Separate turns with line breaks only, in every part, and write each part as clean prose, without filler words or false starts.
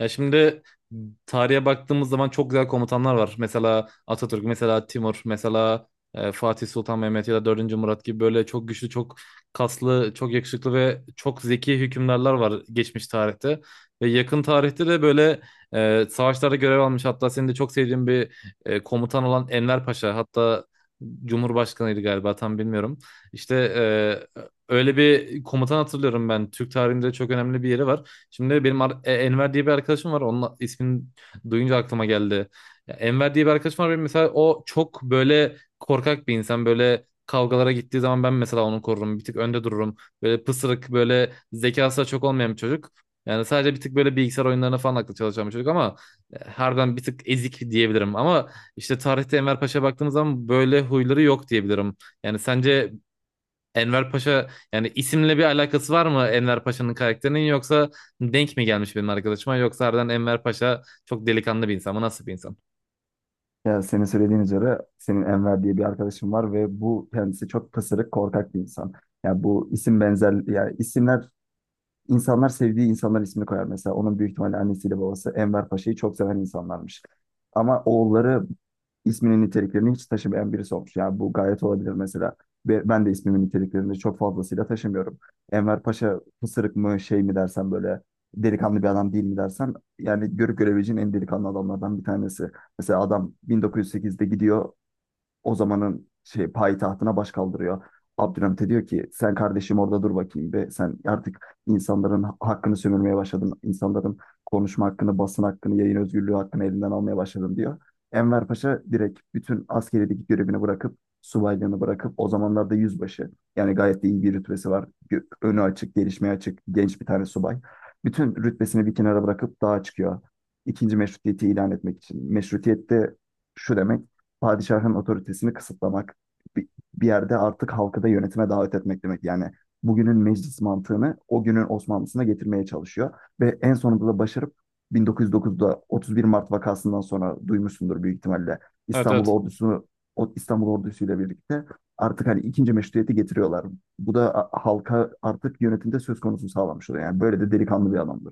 Ya şimdi tarihe baktığımız zaman çok güzel komutanlar var. Mesela Atatürk, mesela Timur, mesela Fatih Sultan Mehmet ya da dördüncü Murat gibi böyle çok güçlü, çok kaslı, çok yakışıklı ve çok zeki hükümdarlar var geçmiş tarihte. Ve yakın tarihte de böyle savaşlarda görev almış. Hatta senin de çok sevdiğin bir komutan olan Enver Paşa. Hatta Cumhurbaşkanıydı galiba tam bilmiyorum. İşte e, öyle bir komutan hatırlıyorum ben. Türk tarihinde çok önemli bir yeri var. Şimdi benim Enver diye bir arkadaşım var. Onun ismini duyunca aklıma geldi. Ya, Enver diye bir arkadaşım var. Benim mesela o çok böyle korkak bir insan. Böyle kavgalara gittiği zaman ben mesela onu korurum. Bir tık önde dururum. Böyle pısırık, böyle zekası da çok olmayan bir çocuk. Yani sadece bir tık böyle bilgisayar oyunlarına falan aklı çalışan bir çocuk ama harbiden bir tık ezik diyebilirim. Ama işte tarihte Enver Paşa'ya baktığımız zaman böyle huyları yok diyebilirim. Yani sence Enver Paşa yani isimle bir alakası var mı Enver Paşa'nın karakterinin yoksa denk mi gelmiş benim arkadaşıma yoksa harbiden Enver Paşa çok delikanlı bir insan mı, nasıl bir insan?
Ya senin söylediğin üzere senin Enver diye bir arkadaşım var ve bu kendisi çok pısırık, korkak bir insan. Ya bu isim benzer ya isimler İnsanlar sevdiği insanların ismini koyar mesela. Onun büyük ihtimalle annesiyle babası Enver Paşa'yı çok seven insanlarmış. Ama oğulları isminin niteliklerini hiç taşımayan birisi olmuş. Yani bu gayet olabilir mesela. Ve ben de ismimin niteliklerini çok fazlasıyla taşımıyorum. Enver Paşa pısırık mı şey mi dersen böyle delikanlı bir adam değil mi dersen yani görüp görebileceğin en delikanlı adamlardan bir tanesi. Mesela adam 1908'de gidiyor, o zamanın şey payitahtına baş kaldırıyor. Abdülhamit'e diyor ki sen kardeşim orada dur bakayım be, sen artık insanların hakkını sömürmeye başladın. İnsanların konuşma hakkını, basın hakkını, yayın özgürlüğü hakkını elinden almaya başladın diyor. Enver Paşa direkt bütün askerideki görevini bırakıp subaylığını bırakıp o zamanlarda yüzbaşı, yani gayet de iyi bir rütbesi var. Önü açık, gelişmeye açık genç bir tane subay. Bütün rütbesini bir kenara bırakıp dağa çıkıyor. İkinci meşrutiyeti ilan etmek için. Meşrutiyet de şu demek: padişahın otoritesini kısıtlamak, bir, bir yerde artık halkı da yönetime davet etmek demek. Yani bugünün meclis mantığını o günün Osmanlısına getirmeye çalışıyor ve en sonunda da başarıp 1909'da 31 Mart vakasından sonra, duymuşsundur büyük ihtimalle,
Evet,
İstanbul
evet.
ordusu, o İstanbul ordusuyla birlikte artık hani ikinci meşruiyeti getiriyorlar. Bu da halka artık yönetimde söz konusu sağlamış oluyor. Yani böyle de delikanlı bir adamdı.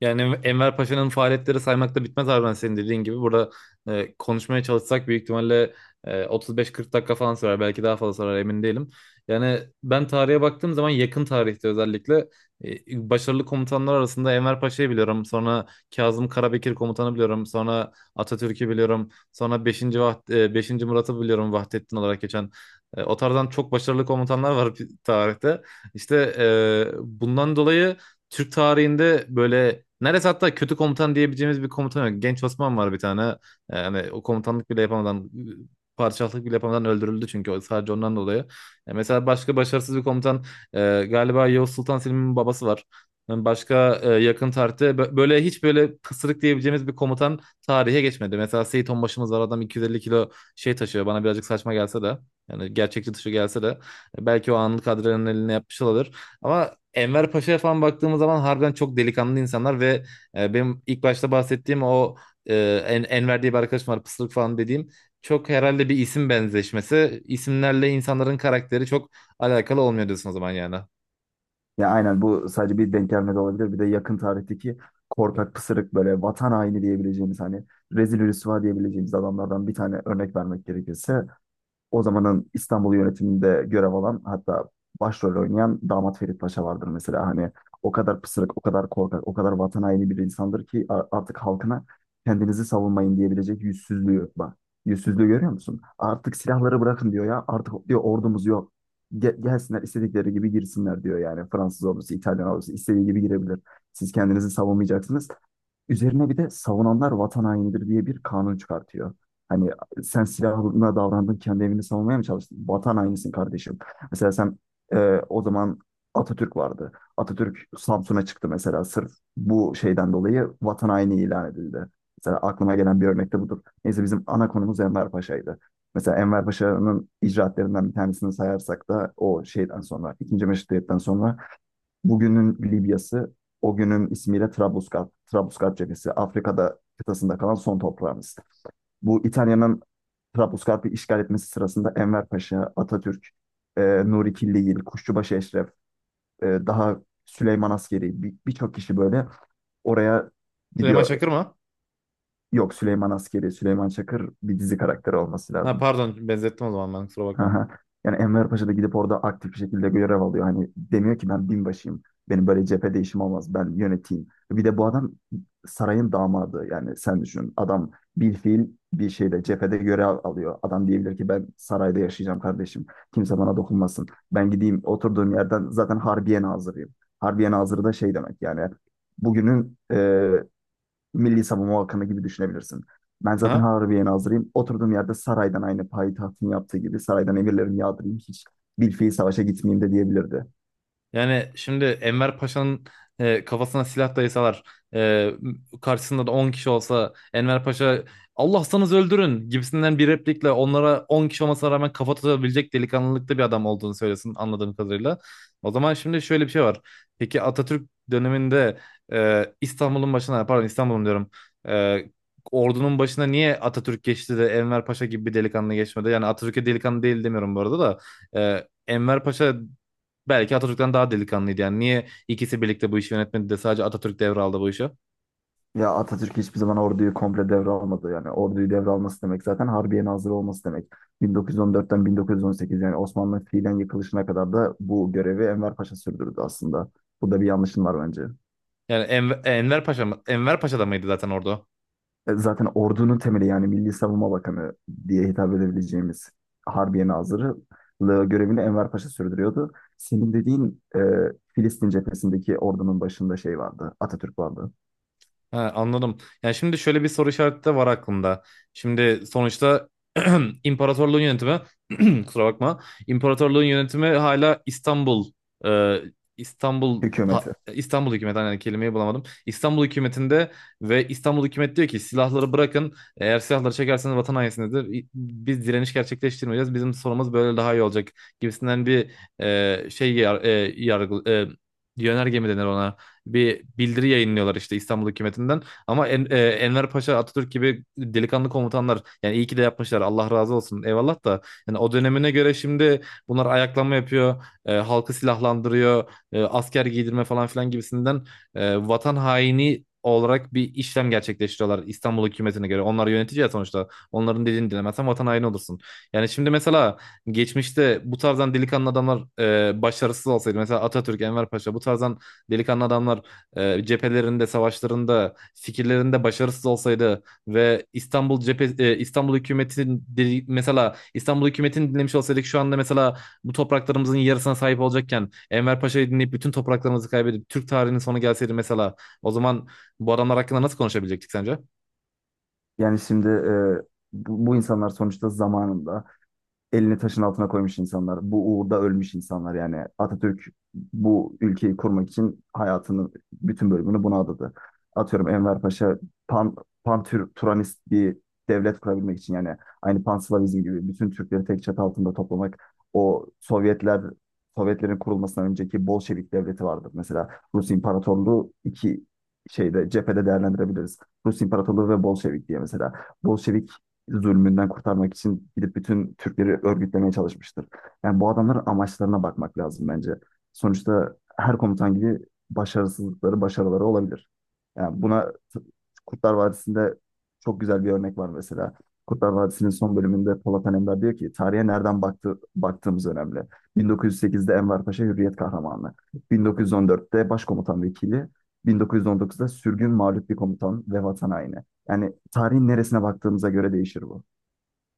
Yani Enver Paşa'nın faaliyetleri saymakla bitmez abi, ben senin dediğin gibi. Burada konuşmaya çalışsak büyük ihtimalle 35-40 dakika falan sürer. Belki daha fazla sürer, emin değilim. Yani ben tarihe baktığım zaman yakın tarihte özellikle başarılı komutanlar arasında Enver Paşa'yı biliyorum. Sonra Kazım Karabekir komutanı biliyorum. Sonra Atatürk'ü biliyorum. Sonra 5. Murat'ı biliyorum, Vahdettin olarak geçen. O tarzdan çok başarılı komutanlar var tarihte. İşte bundan dolayı Türk tarihinde böyle neredeyse hatta kötü komutan diyebileceğimiz bir komutan yok. Genç Osman var bir tane. Yani o komutanlık bile yapamadan padişahlık bile yapamadan öldürüldü çünkü sadece ondan dolayı. Mesela başka başarısız bir komutan galiba Yavuz Sultan Selim'in babası var. Yani başka yakın tarihte böyle hiç böyle pısırık diyebileceğimiz bir komutan tarihe geçmedi. Mesela Seyit Onbaşımız var, adam 250 kilo şey taşıyor, bana birazcık saçma gelse de yani gerçekçi dışı gelse de belki o anlık adrenalini yapmış olabilir. Ama Enver Paşa'ya falan baktığımız zaman harbiden çok delikanlı insanlar ve benim ilk başta bahsettiğim o e, Enver diye bir arkadaşım var, pısırık falan dediğim, çok herhalde bir isim benzeşmesi. İsimlerle insanların karakteri çok alakalı olmuyor diyorsun o zaman yani.
Ya aynen, bu sadece bir denk gelme de olabilir. Bir de yakın tarihteki korkak pısırık böyle vatan haini diyebileceğimiz, hani rezil rüsva diyebileceğimiz adamlardan bir tane örnek vermek gerekirse, o zamanın İstanbul yönetiminde görev alan, hatta başrol oynayan Damat Ferit Paşa vardır mesela. Hani o kadar pısırık, o kadar korkak, o kadar vatan haini bir insandır ki artık halkına kendinizi savunmayın diyebilecek yüzsüzlüğü, bak. Yüzsüzlüğü görüyor musun? Artık silahları bırakın diyor ya. Artık diyor ordumuz yok. Gelsinler istedikleri gibi girsinler diyor yani. Fransız ordusu, İtalyan ordusu istediği gibi girebilir. Siz kendinizi savunmayacaksınız. Üzerine bir de savunanlar vatan hainidir diye bir kanun çıkartıyor. Hani sen silahına davrandın, kendi evini savunmaya mı çalıştın? Vatan hainisin kardeşim. Mesela sen, e, o zaman Atatürk vardı. Atatürk Samsun'a çıktı mesela, sırf bu şeyden dolayı vatan haini ilan edildi. Mesela aklıma gelen bir örnek de budur. Neyse, bizim ana konumuz Enver Paşa'ydı. Mesela Enver Paşa'nın icraatlerinden bir tanesini sayarsak da, o şeyden sonra, ikinci Meşrutiyet'ten sonra, bugünün Libya'sı, o günün ismiyle Trablusgarp, Trablusgarp cephesi, Afrika'da kıtasında kalan son toprağımız. Bu İtalya'nın Trablusgarp'ı işgal etmesi sırasında Enver Paşa, Atatürk, Nuri Killigil, Kuşçubaşı Eşref, daha Süleyman Askeri, birçok kişi böyle oraya
Süleyman
gidiyor.
Çakır mı?
Yok, Süleyman Askeri, Süleyman Çakır bir dizi karakteri olması
Ha,
lazım.
pardon, benzettim o zaman, ben kusura bakma.
Aha. Yani Enver Paşa da gidip orada aktif bir şekilde görev alıyor. Hani demiyor ki ben binbaşıyım. Benim böyle cephede işim olmaz. Ben yöneteyim. Bir de bu adam sarayın damadı. Yani sen düşün. Adam bir fiil bir şeyde cephede görev alıyor. Adam diyebilir ki ben sarayda yaşayacağım kardeşim. Kimse bana dokunmasın. Ben gideyim, oturduğum yerden zaten Harbiye Nazırıyım. Harbiye Nazırı da şey demek, yani bugünün Milli Savunma Bakanı gibi düşünebilirsin. Ben zaten
Aha.
Harbiye'ye nazırıyım. Oturduğum yerde saraydan, aynı payitahtın yaptığı gibi saraydan emirlerimi yağdırayım. Hiç bilfiil savaşa gitmeyeyim de diyebilirdi.
Yani şimdi Enver Paşa'nın kafasına silah dayasalar, e, karşısında da 10 kişi olsa, Enver Paşa Allah'sanız öldürün gibisinden bir replikle onlara 10 kişi olmasına rağmen kafa tutabilecek delikanlılıkta bir adam olduğunu söylesin anladığım kadarıyla. O zaman şimdi şöyle bir şey var. Peki Atatürk döneminde İstanbul'un başına, pardon, İstanbul'un diyorum, e, ordunun başına niye Atatürk geçti de Enver Paşa gibi bir delikanlı geçmedi? Yani Atatürk'e delikanlı değil demiyorum bu arada da. E, Enver Paşa belki Atatürk'ten daha delikanlıydı yani. Niye ikisi birlikte bu işi yönetmedi de sadece Atatürk devraldı bu işi?
Ya Atatürk hiçbir zaman orduyu komple devralmadı. Yani orduyu devralması demek zaten Harbiye nazırı olması demek. 1914'ten 1918, yani Osmanlı fiilen yıkılışına kadar da bu görevi Enver Paşa sürdürdü aslında. Bu da bir yanlışın var bence.
Yani Enver Paşa mı? Enver Paşa da mıydı zaten orada?
Zaten ordunun temeli, yani Milli Savunma Bakanı diye hitap edebileceğimiz Harbiye Nazırlığı görevini Enver Paşa sürdürüyordu. Senin dediğin Filistin cephesindeki ordunun başında şey vardı, Atatürk vardı,
Ha, anladım. Yani şimdi şöyle bir soru işareti de var aklımda. Şimdi sonuçta imparatorluğun yönetimi kusura bakma. İmparatorluğun yönetimi hala İstanbul, e,
hükümeti.
İstanbul hükümeti, hani kelimeyi bulamadım, İstanbul hükümetinde. Ve İstanbul hükümet diyor ki silahları bırakın. Eğer silahları çekerseniz vatan hainisinizdir. Biz direniş gerçekleştirmeyeceğiz. Bizim sorumuz böyle daha iyi olacak gibisinden bir e, şey yar, e, yargı e, yönerge mi denir ona? Bir bildiri yayınlıyorlar işte İstanbul hükümetinden. Ama Enver Paşa, Atatürk gibi delikanlı komutanlar, yani iyi ki de yapmışlar. Allah razı olsun. Eyvallah da yani o dönemine göre şimdi bunlar ayaklanma yapıyor, halkı silahlandırıyor, asker giydirme falan filan gibisinden vatan haini olarak bir işlem gerçekleştiriyorlar İstanbul hükümetine göre. Onlar yönetici ya sonuçta. Onların dediğini dinlemezsen vatan haini olursun. Yani şimdi mesela geçmişte bu tarzdan delikanlı adamlar başarısız olsaydı, mesela Atatürk, Enver Paşa, bu tarzdan delikanlı adamlar cephelerinde, savaşlarında, fikirlerinde başarısız olsaydı ve mesela İstanbul hükümetini dinlemiş olsaydık, şu anda mesela bu topraklarımızın yarısına sahip olacakken Enver Paşa'yı dinleyip bütün topraklarımızı kaybedip Türk tarihinin sonu gelseydi mesela, o zaman bu adamlar hakkında nasıl konuşabilecektik sence?
Yani şimdi bu insanlar sonuçta zamanında elini taşın altına koymuş insanlar, bu uğurda ölmüş insanlar. Yani Atatürk bu ülkeyi kurmak için hayatının bütün bölümünü buna adadı. Atıyorum Enver Paşa pan, pan-Turanist bir devlet kurabilmek için, yani aynı Panslavizm gibi bütün Türkleri tek çatı altında toplamak, o Sovyetlerin kurulmasından önceki Bolşevik devleti vardır. Mesela Rus İmparatorluğu iki şeyde cephede değerlendirebiliriz. Rus İmparatorluğu ve Bolşevik diye mesela. Bolşevik zulmünden kurtarmak için gidip bütün Türkleri örgütlemeye çalışmıştır. Yani bu adamların amaçlarına bakmak lazım bence. Sonuçta her komutan gibi başarısızlıkları, başarıları olabilir. Yani buna Kurtlar Vadisi'nde çok güzel bir örnek var mesela. Kurtlar Vadisi'nin son bölümünde Polat Alemdar diyor ki tarihe nereden baktığımız önemli. 1908'de Enver Paşa Hürriyet Kahramanı, 1914'te Başkomutan Vekili, 1919'da sürgün mağlup bir komutan ve vatan haini. Yani tarihin neresine baktığımıza göre değişir bu.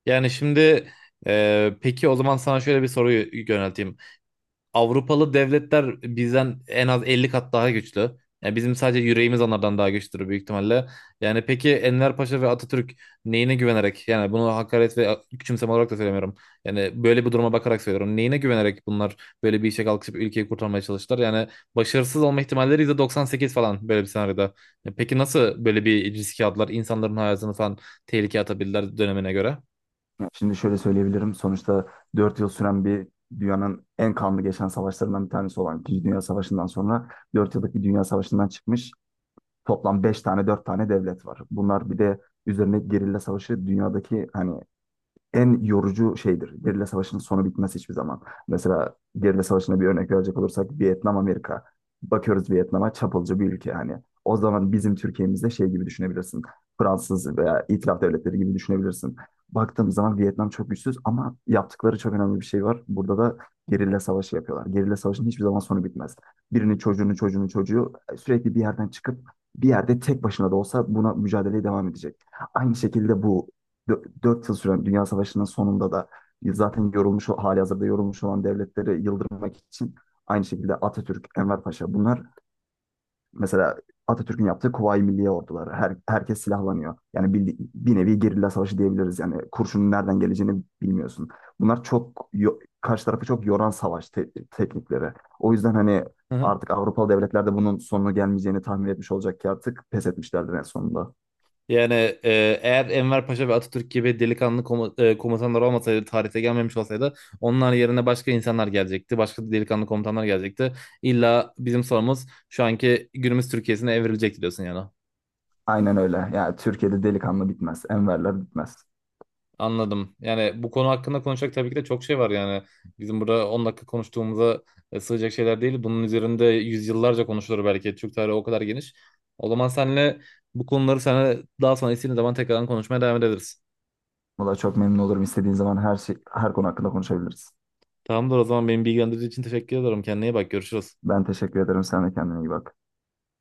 Yani şimdi peki o zaman sana şöyle bir soruyu yönelteyim. Avrupalı devletler bizden en az 50 kat daha güçlü. Yani bizim sadece yüreğimiz onlardan daha güçlüdür büyük ihtimalle. Yani peki Enver Paşa ve Atatürk neyine güvenerek, yani bunu hakaret ve küçümseme olarak da söylemiyorum, yani böyle bir duruma bakarak söylüyorum, neyine güvenerek bunlar böyle bir işe kalkışıp ülkeyi kurtarmaya çalıştılar? Yani başarısız olma ihtimalleri %98 falan böyle bir senaryoda. Ya peki nasıl böyle bir riske aldılar? İnsanların hayatını falan tehlikeye atabildiler dönemine göre.
Yani şimdi şöyle söyleyebilirim. Sonuçta 4 yıl süren bir, dünyanın en kanlı geçen savaşlarından bir tanesi olan İkinci Dünya Savaşı'ndan sonra, 4 yıllık bir dünya savaşından çıkmış toplam 5 tane 4 tane devlet var. Bunlar bir de üzerine gerilla savaşı, dünyadaki hani en yorucu şeydir. Gerilla savaşının sonu bitmez hiçbir zaman. Mesela gerilla savaşına bir örnek verecek olursak, Vietnam Amerika. Bakıyoruz Vietnam'a, çapulcu bir ülke hani. O zaman bizim Türkiye'mizde şey gibi düşünebilirsin. Fransız veya itilaf devletleri gibi düşünebilirsin. Baktığımız zaman Vietnam çok güçsüz ama yaptıkları çok önemli bir şey var. Burada da gerilla savaşı yapıyorlar. Gerilla savaşının hiçbir zaman sonu bitmez. Birinin çocuğunun çocuğunun çocuğu sürekli bir yerden çıkıp bir yerde tek başına da olsa buna mücadeleye devam edecek. Aynı şekilde bu 4 yıl süren Dünya Savaşı'nın sonunda da zaten yorulmuş, hali hazırda yorulmuş olan devletleri yıldırmak için, aynı şekilde Atatürk, Enver Paşa bunlar, mesela Atatürk'ün yaptığı Kuvayi Milliye orduları. Herkes silahlanıyor. Yani bir nevi gerilla savaşı diyebiliriz. Yani kurşunun nereden geleceğini bilmiyorsun. Bunlar çok karşı tarafı çok yoran savaş teknikleri. O yüzden hani artık Avrupalı devletler de bunun sonunu gelmeyeceğini tahmin etmiş olacak ki artık pes etmişlerdir en sonunda.
Yani eğer Enver Paşa ve Atatürk gibi delikanlı komutanlar olmasaydı, tarihte gelmemiş olsaydı, onlar yerine başka insanlar gelecekti. Başka delikanlı komutanlar gelecekti. İlla bizim sorumuz şu anki günümüz Türkiye'sine evrilecek diyorsun yani.
Aynen öyle. Yani Türkiye'de delikanlı bitmez. Enverler bitmez.
Anladım. Yani bu konu hakkında konuşacak tabii ki de çok şey var yani. Bizim burada 10 dakika konuştuğumuza sığacak şeyler değil. Bunun üzerinde yüzyıllarca konuşulur belki. Türk tarihi o kadar geniş. O zaman senle bu konuları sana daha sonra istediğin zaman tekrardan konuşmaya devam ederiz.
Valla çok memnun olurum. İstediğin zaman her şey, her konu hakkında konuşabiliriz.
Tamamdır, o zaman beni bilgilendirdiğin için teşekkür ederim. Kendine iyi bak, görüşürüz.
Ben teşekkür ederim. Sen de kendine iyi bak.